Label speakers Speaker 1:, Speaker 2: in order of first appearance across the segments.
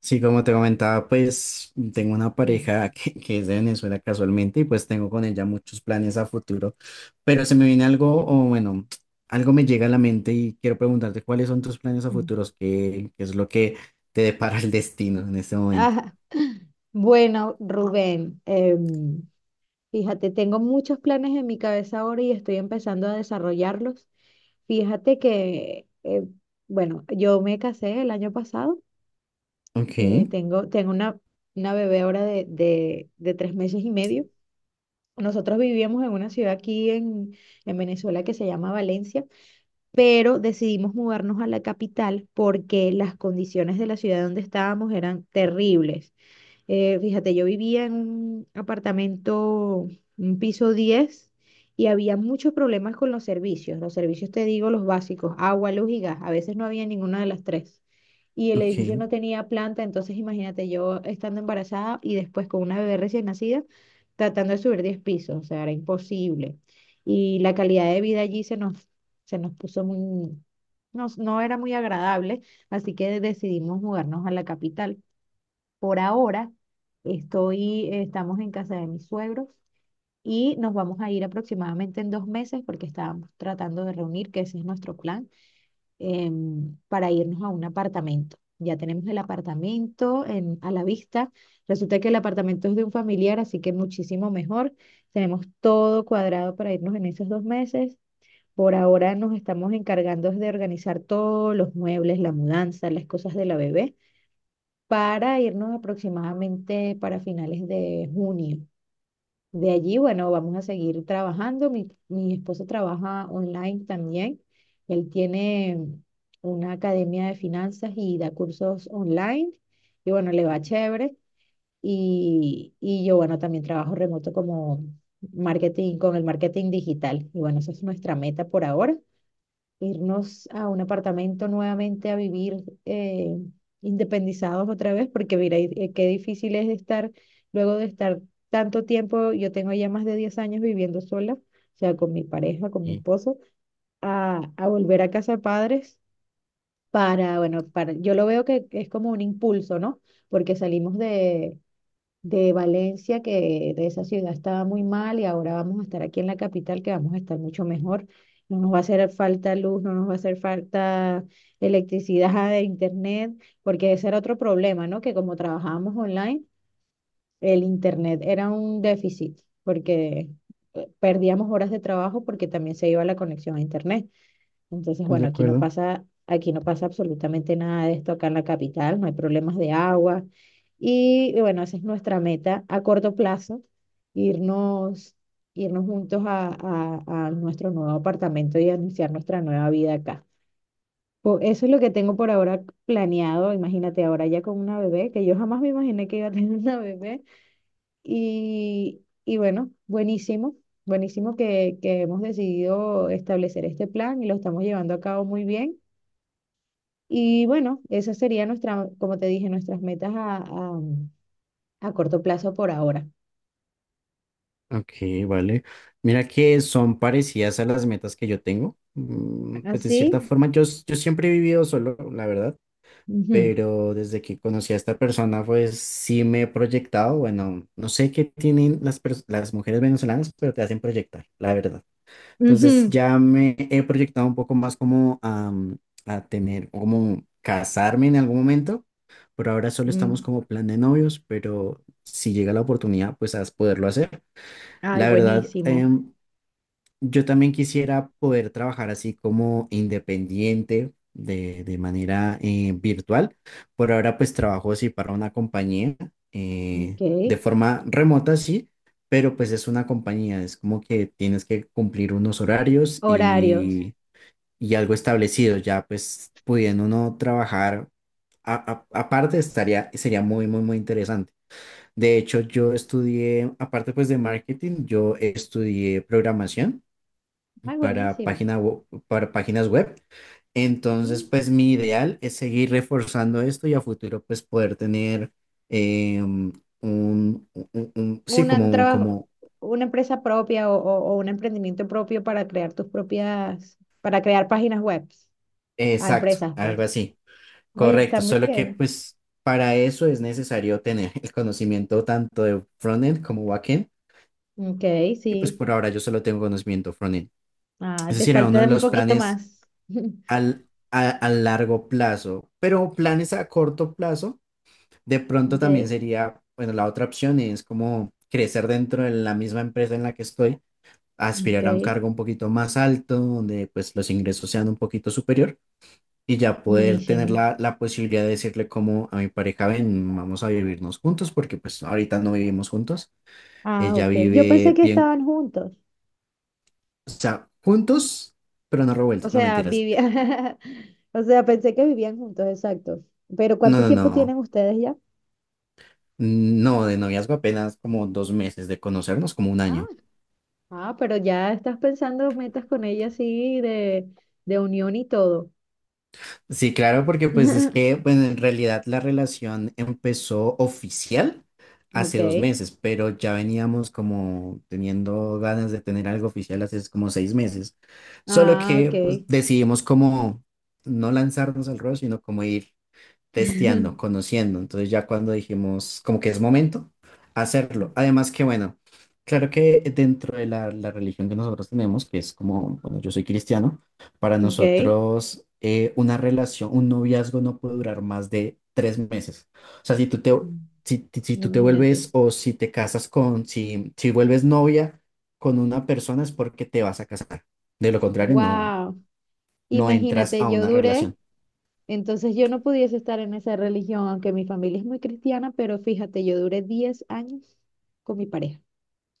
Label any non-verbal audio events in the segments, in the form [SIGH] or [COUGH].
Speaker 1: Sí, como te comentaba, pues tengo una
Speaker 2: Mm,
Speaker 1: pareja que es de Venezuela casualmente y pues tengo con ella muchos planes a futuro, pero se me viene algo, o bueno, algo me llega a la mente y quiero preguntarte cuáles son tus planes a
Speaker 2: mm.
Speaker 1: futuros, qué es lo que te depara el destino en este momento.
Speaker 2: Ajá. Bueno, Rubén, fíjate, tengo muchos planes en mi cabeza ahora y estoy empezando a desarrollarlos. Fíjate que, bueno, yo me casé el año pasado.
Speaker 1: Ok,
Speaker 2: Tengo una bebé ahora de 3 meses y medio. Nosotros vivíamos en una ciudad aquí en Venezuela que se llama Valencia, pero decidimos mudarnos a la capital porque las condiciones de la ciudad donde estábamos eran terribles. Fíjate, yo vivía en un apartamento, un piso 10, y había muchos problemas con los servicios. Los servicios, te digo, los básicos: agua, luz y gas. A veces no había ninguna de las tres. Y el
Speaker 1: ok,
Speaker 2: edificio no tenía planta, entonces imagínate, yo estando embarazada y después con una bebé recién nacida, tratando de subir 10 pisos, o sea, era imposible. Y la calidad de vida allí se nos puso muy, no era muy agradable, así que decidimos mudarnos a la capital. Por ahora estamos en casa de mis suegros y nos vamos a ir aproximadamente en 2 meses, porque estábamos tratando de reunir, que ese es nuestro plan, para irnos a un apartamento. Ya tenemos el apartamento a la vista. Resulta que el apartamento es de un familiar, así que muchísimo mejor. Tenemos todo cuadrado para irnos en esos 2 meses. Por ahora nos estamos encargando de organizar todos los muebles, la mudanza, las cosas de la bebé, para irnos aproximadamente para finales de junio. De allí, bueno, vamos a seguir trabajando. Mi esposo trabaja online también. Él tiene una academia de finanzas y da cursos online. Y bueno, le va chévere. Y yo, bueno, también trabajo remoto como marketing, con el marketing digital. Y bueno, esa es nuestra meta por ahora: irnos a un apartamento nuevamente a vivir, independizados otra vez. Porque mira, qué difícil es estar, luego de estar tanto tiempo, yo tengo ya más de 10 años viviendo sola, o sea, con mi pareja, con mi
Speaker 1: sí,
Speaker 2: esposo, a volver a casa de padres para, bueno, para, yo lo veo que es como un impulso, ¿no? Porque salimos de Valencia, que de esa ciudad estaba muy mal, y ahora vamos a estar aquí en la capital, que vamos a estar mucho mejor. No nos va a hacer falta luz, no nos va a hacer falta electricidad de internet, porque ese era otro problema, ¿no? Que como trabajábamos online, el internet era un déficit, porque perdíamos horas de trabajo porque también se iba la conexión a internet. Entonces,
Speaker 1: de
Speaker 2: bueno,
Speaker 1: acuerdo.
Speaker 2: aquí no pasa absolutamente nada de esto acá en la capital, no hay problemas de agua. Y bueno, esa es nuestra meta a corto plazo: irnos, irnos juntos a nuestro nuevo apartamento, y anunciar nuestra nueva vida acá. Eso es lo que tengo por ahora planeado. Imagínate, ahora ya con una bebé, que yo jamás me imaginé que iba a tener [LAUGHS] una bebé. Y bueno, buenísimo. Buenísimo que hemos decidido establecer este plan y lo estamos llevando a cabo muy bien. Y bueno, esas serían nuestra, como te dije, nuestras metas a corto plazo por ahora.
Speaker 1: Ok, vale. Mira que son parecidas a las metas que yo tengo. Pues de cierta
Speaker 2: Así.
Speaker 1: forma, yo siempre he vivido solo, la verdad.
Speaker 2: Ujú,
Speaker 1: Pero desde que conocí a esta persona, pues sí me he proyectado. Bueno, no sé qué tienen las mujeres venezolanas, pero te hacen proyectar, la verdad. Entonces
Speaker 2: ujú,
Speaker 1: ya me he proyectado un poco más como a tener, como casarme en algún momento. Por ahora solo estamos
Speaker 2: mm.
Speaker 1: como plan de novios, pero si llega la oportunidad, pues a poderlo hacer.
Speaker 2: Ay,
Speaker 1: La verdad,
Speaker 2: buenísimo.
Speaker 1: yo también quisiera poder trabajar así como independiente de manera virtual. Por ahora pues trabajo así para una compañía
Speaker 2: Ok.
Speaker 1: de forma remota, sí, pero pues es una compañía, es como que tienes que cumplir unos horarios
Speaker 2: Horarios.
Speaker 1: y algo establecido, ya pues pudiendo uno trabajar aparte estaría, sería muy, muy, muy interesante. De hecho, yo estudié, aparte pues de marketing, yo estudié programación
Speaker 2: Ay, buenísimo.
Speaker 1: para páginas web. Entonces,
Speaker 2: Mm.
Speaker 1: pues mi ideal es seguir reforzando esto y a futuro, pues poder tener sí,
Speaker 2: Una, un trabajo, una empresa propia, o un emprendimiento propio, para crear tus propias, para crear páginas web a
Speaker 1: exacto,
Speaker 2: empresas,
Speaker 1: algo
Speaker 2: pues.
Speaker 1: así,
Speaker 2: Oye, está
Speaker 1: correcto.
Speaker 2: muy
Speaker 1: Solo que,
Speaker 2: bien.
Speaker 1: pues, para eso es necesario tener el conocimiento tanto de frontend como backend,
Speaker 2: Ok,
Speaker 1: que pues
Speaker 2: sí.
Speaker 1: por ahora yo solo tengo conocimiento frontend.
Speaker 2: Ah,
Speaker 1: Es
Speaker 2: te
Speaker 1: decir, era uno
Speaker 2: falta
Speaker 1: de
Speaker 2: un
Speaker 1: los
Speaker 2: poquito
Speaker 1: planes
Speaker 2: más. [LAUGHS]
Speaker 1: a largo plazo, pero planes a corto plazo. De pronto también
Speaker 2: Ok,
Speaker 1: sería, bueno, la otra opción es como crecer dentro de la misma empresa en la que estoy,
Speaker 2: ok.
Speaker 1: aspirar a un cargo un poquito más alto, donde pues los ingresos sean un poquito superior y ya poder tener
Speaker 2: Buenísimo.
Speaker 1: la posibilidad de decirle como a mi pareja, ven, vamos a vivirnos juntos, porque pues ahorita no vivimos juntos,
Speaker 2: Ah,
Speaker 1: ella
Speaker 2: ok. Yo pensé
Speaker 1: vive
Speaker 2: que
Speaker 1: bien,
Speaker 2: estaban juntos.
Speaker 1: o sea, juntos, pero no
Speaker 2: O
Speaker 1: revueltos, no
Speaker 2: sea,
Speaker 1: mentiras.
Speaker 2: vivían. [LAUGHS] O sea, pensé que vivían juntos, exacto. Pero,
Speaker 1: No,
Speaker 2: ¿cuánto
Speaker 1: no,
Speaker 2: tiempo tienen
Speaker 1: no,
Speaker 2: ustedes ya?
Speaker 1: no, de noviazgo apenas como 2 meses de conocernos, como un
Speaker 2: Ah,
Speaker 1: año.
Speaker 2: ah, pero ya estás pensando metas con ella así de unión y todo.
Speaker 1: Sí, claro, porque pues es que,
Speaker 2: [LAUGHS]
Speaker 1: bueno, en realidad la relación empezó oficial
Speaker 2: Ok.
Speaker 1: hace 2 meses, pero ya veníamos como teniendo ganas de tener algo oficial hace como 6 meses. Solo
Speaker 2: Ah,
Speaker 1: que
Speaker 2: ok.
Speaker 1: pues, decidimos como no lanzarnos al ruedo, sino como ir testeando,
Speaker 2: [LAUGHS]
Speaker 1: conociendo. Entonces ya cuando dijimos como que es momento hacerlo. Además que bueno, claro que dentro de la religión que nosotros tenemos, que es como, bueno, yo soy cristiano, para
Speaker 2: Ok.
Speaker 1: nosotros una relación, un noviazgo no puede durar más de 3 meses. O sea, si tú te
Speaker 2: Imagínate.
Speaker 1: vuelves o si te casas con, si vuelves novia con una persona es porque te vas a casar. De lo contrario, no,
Speaker 2: Wow.
Speaker 1: no entras a
Speaker 2: Imagínate, yo
Speaker 1: una
Speaker 2: duré.
Speaker 1: relación.
Speaker 2: Entonces yo no pudiese estar en esa religión, aunque mi familia es muy cristiana, pero fíjate, yo duré 10 años con mi pareja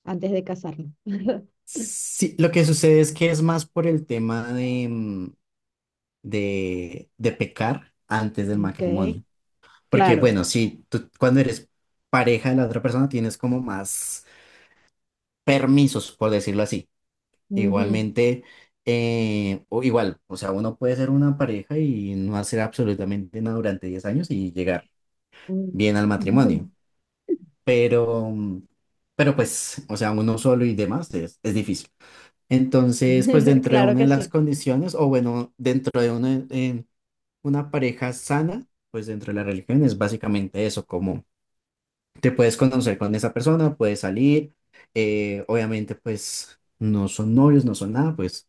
Speaker 2: antes de casarnos. [LAUGHS]
Speaker 1: Sí, lo que sucede es que es más por el tema de pecar antes del
Speaker 2: Ok,
Speaker 1: matrimonio. Porque
Speaker 2: claro.
Speaker 1: bueno, si tú cuando eres pareja de la otra persona tienes como más permisos, por decirlo así.
Speaker 2: Ujú.
Speaker 1: Igualmente, o igual, o sea, uno puede ser una pareja y no hacer absolutamente nada durante 10 años y llegar bien al matrimonio. Pero, mm, pero pues, o sea, uno solo y demás es difícil. Entonces, pues
Speaker 2: Mm. [LAUGHS]
Speaker 1: dentro de
Speaker 2: Claro
Speaker 1: una de
Speaker 2: que
Speaker 1: las
Speaker 2: sí.
Speaker 1: condiciones, o bueno, dentro de una, en una pareja sana, pues dentro de la religión es básicamente eso, como te puedes conocer con esa persona, puedes salir, obviamente pues no son novios, no son nada, pues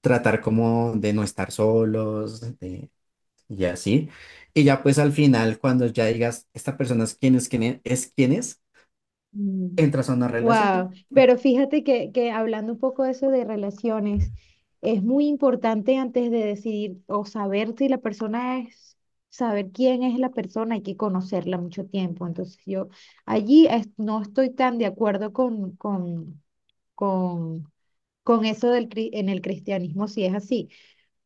Speaker 1: tratar como de no estar solos, y así. Y ya pues al final, cuando ya digas, esta persona es quien es,
Speaker 2: Mm.
Speaker 1: entras a una
Speaker 2: Wow,
Speaker 1: relación.
Speaker 2: pero fíjate que hablando un poco de eso de relaciones, es muy importante antes de decidir o saber si la persona es, saber quién es la persona, hay que conocerla mucho tiempo. Entonces yo allí no estoy tan de acuerdo con, con eso en el cristianismo, si es así.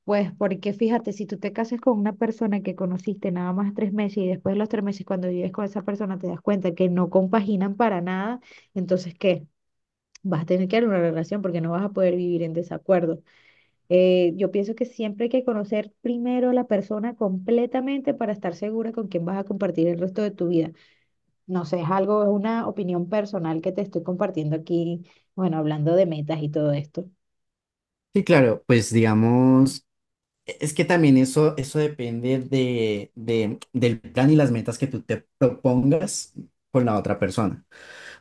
Speaker 2: Pues porque fíjate, si tú te casas con una persona que conociste nada más 3 meses, y después de los 3 meses cuando vives con esa persona te das cuenta que no compaginan para nada, entonces ¿qué? Vas a tener que dar una relación porque no vas a poder vivir en desacuerdo. Yo pienso que siempre hay que conocer primero a la persona completamente, para estar segura con quién vas a compartir el resto de tu vida. No sé, es algo, es una opinión personal que te estoy compartiendo aquí, bueno, hablando de metas y todo esto.
Speaker 1: Sí, claro, pues digamos. Es que también eso depende del plan y las metas que tú te propongas con la otra persona,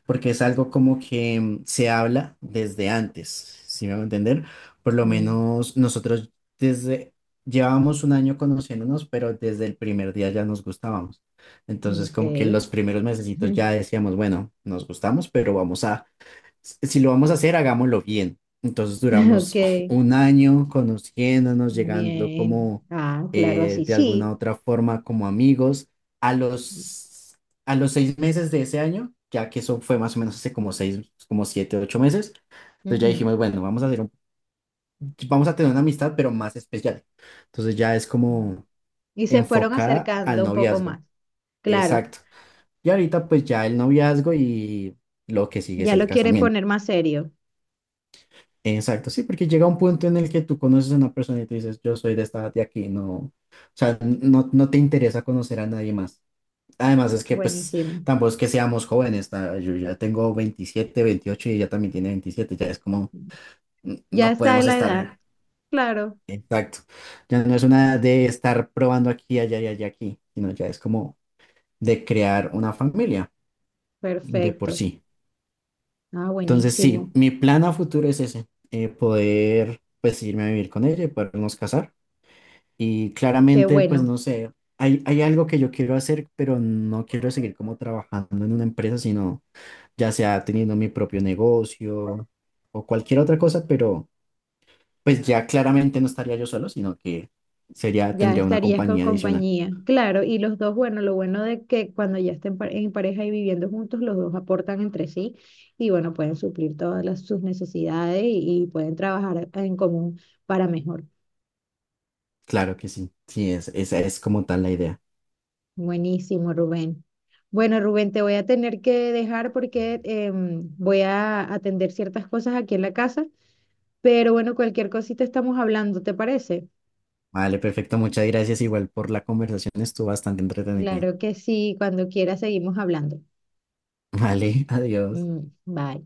Speaker 1: porque es algo como que se habla desde antes, ¿si me voy a entender? Por lo
Speaker 2: Mm,
Speaker 1: menos nosotros desde, llevábamos un año conociéndonos, pero desde el primer día ya nos gustábamos. Entonces,
Speaker 2: ok,
Speaker 1: como que los primeros mesecitos ya
Speaker 2: [LAUGHS]
Speaker 1: decíamos, bueno, nos gustamos, pero vamos a si si lo vamos a hacer, hagámoslo bien. Entonces
Speaker 2: ok,
Speaker 1: duramos [LAUGHS] un año conociéndonos, llegando
Speaker 2: bien.
Speaker 1: como
Speaker 2: Ah, claro, así,
Speaker 1: de alguna
Speaker 2: sí.
Speaker 1: otra forma como amigos. A los, a los 6 meses de ese año, ya que eso fue más o menos hace como 6, como 7, 8 meses, entonces ya
Speaker 2: Ujú.
Speaker 1: dijimos, bueno, vamos a hacer vamos a tener una amistad, pero más especial. Entonces ya es como
Speaker 2: Y se fueron
Speaker 1: enfocada al
Speaker 2: acercando un poco más.
Speaker 1: noviazgo.
Speaker 2: Claro,
Speaker 1: Exacto. Y ahorita pues ya el noviazgo y lo que sigue es
Speaker 2: ya
Speaker 1: el
Speaker 2: lo quieren
Speaker 1: casamiento.
Speaker 2: poner más serio.
Speaker 1: Exacto, sí, porque llega un punto en el que tú conoces a una persona y tú dices, yo soy de esta edad de aquí, no, o sea, no, no te interesa conocer a nadie más. Además es que pues
Speaker 2: Buenísimo.
Speaker 1: tampoco es que seamos jóvenes, yo ya tengo 27, 28 y ella también tiene 27, ya es como,
Speaker 2: Ya
Speaker 1: no
Speaker 2: está en
Speaker 1: podemos
Speaker 2: la edad.
Speaker 1: estar,
Speaker 2: Claro,
Speaker 1: exacto, ya no es una de estar probando aquí, allá y allá aquí, sino ya es como de crear una familia de por
Speaker 2: perfecto.
Speaker 1: sí.
Speaker 2: Ah,
Speaker 1: Entonces sí,
Speaker 2: buenísimo.
Speaker 1: mi plan a futuro es ese, poder pues irme a vivir con ella y podernos casar. Y
Speaker 2: Qué
Speaker 1: claramente, pues
Speaker 2: bueno.
Speaker 1: no sé, hay algo que yo quiero hacer, pero no quiero seguir como trabajando en una empresa, sino ya sea teniendo mi propio negocio o cualquier otra cosa, pero pues ya claramente no estaría yo solo, sino que sería,
Speaker 2: Ya
Speaker 1: tendría una
Speaker 2: estarías con
Speaker 1: compañía adicional.
Speaker 2: compañía. Claro, y los dos, bueno, lo bueno de que cuando ya estén en pareja y viviendo juntos, los dos aportan entre sí, y bueno, pueden suplir todas sus necesidades, y pueden trabajar en común para mejor.
Speaker 1: Claro que sí, sí, esa es como tal la idea.
Speaker 2: Buenísimo, Rubén. Bueno, Rubén, te voy a tener que dejar porque voy a atender ciertas cosas aquí en la casa, pero bueno, cualquier cosita estamos hablando, ¿te parece?
Speaker 1: Vale, perfecto, muchas gracias igual por la conversación, estuvo bastante entretenida.
Speaker 2: Claro que sí, cuando quiera seguimos hablando.
Speaker 1: Vale, [LAUGHS] adiós.
Speaker 2: Mm, bye.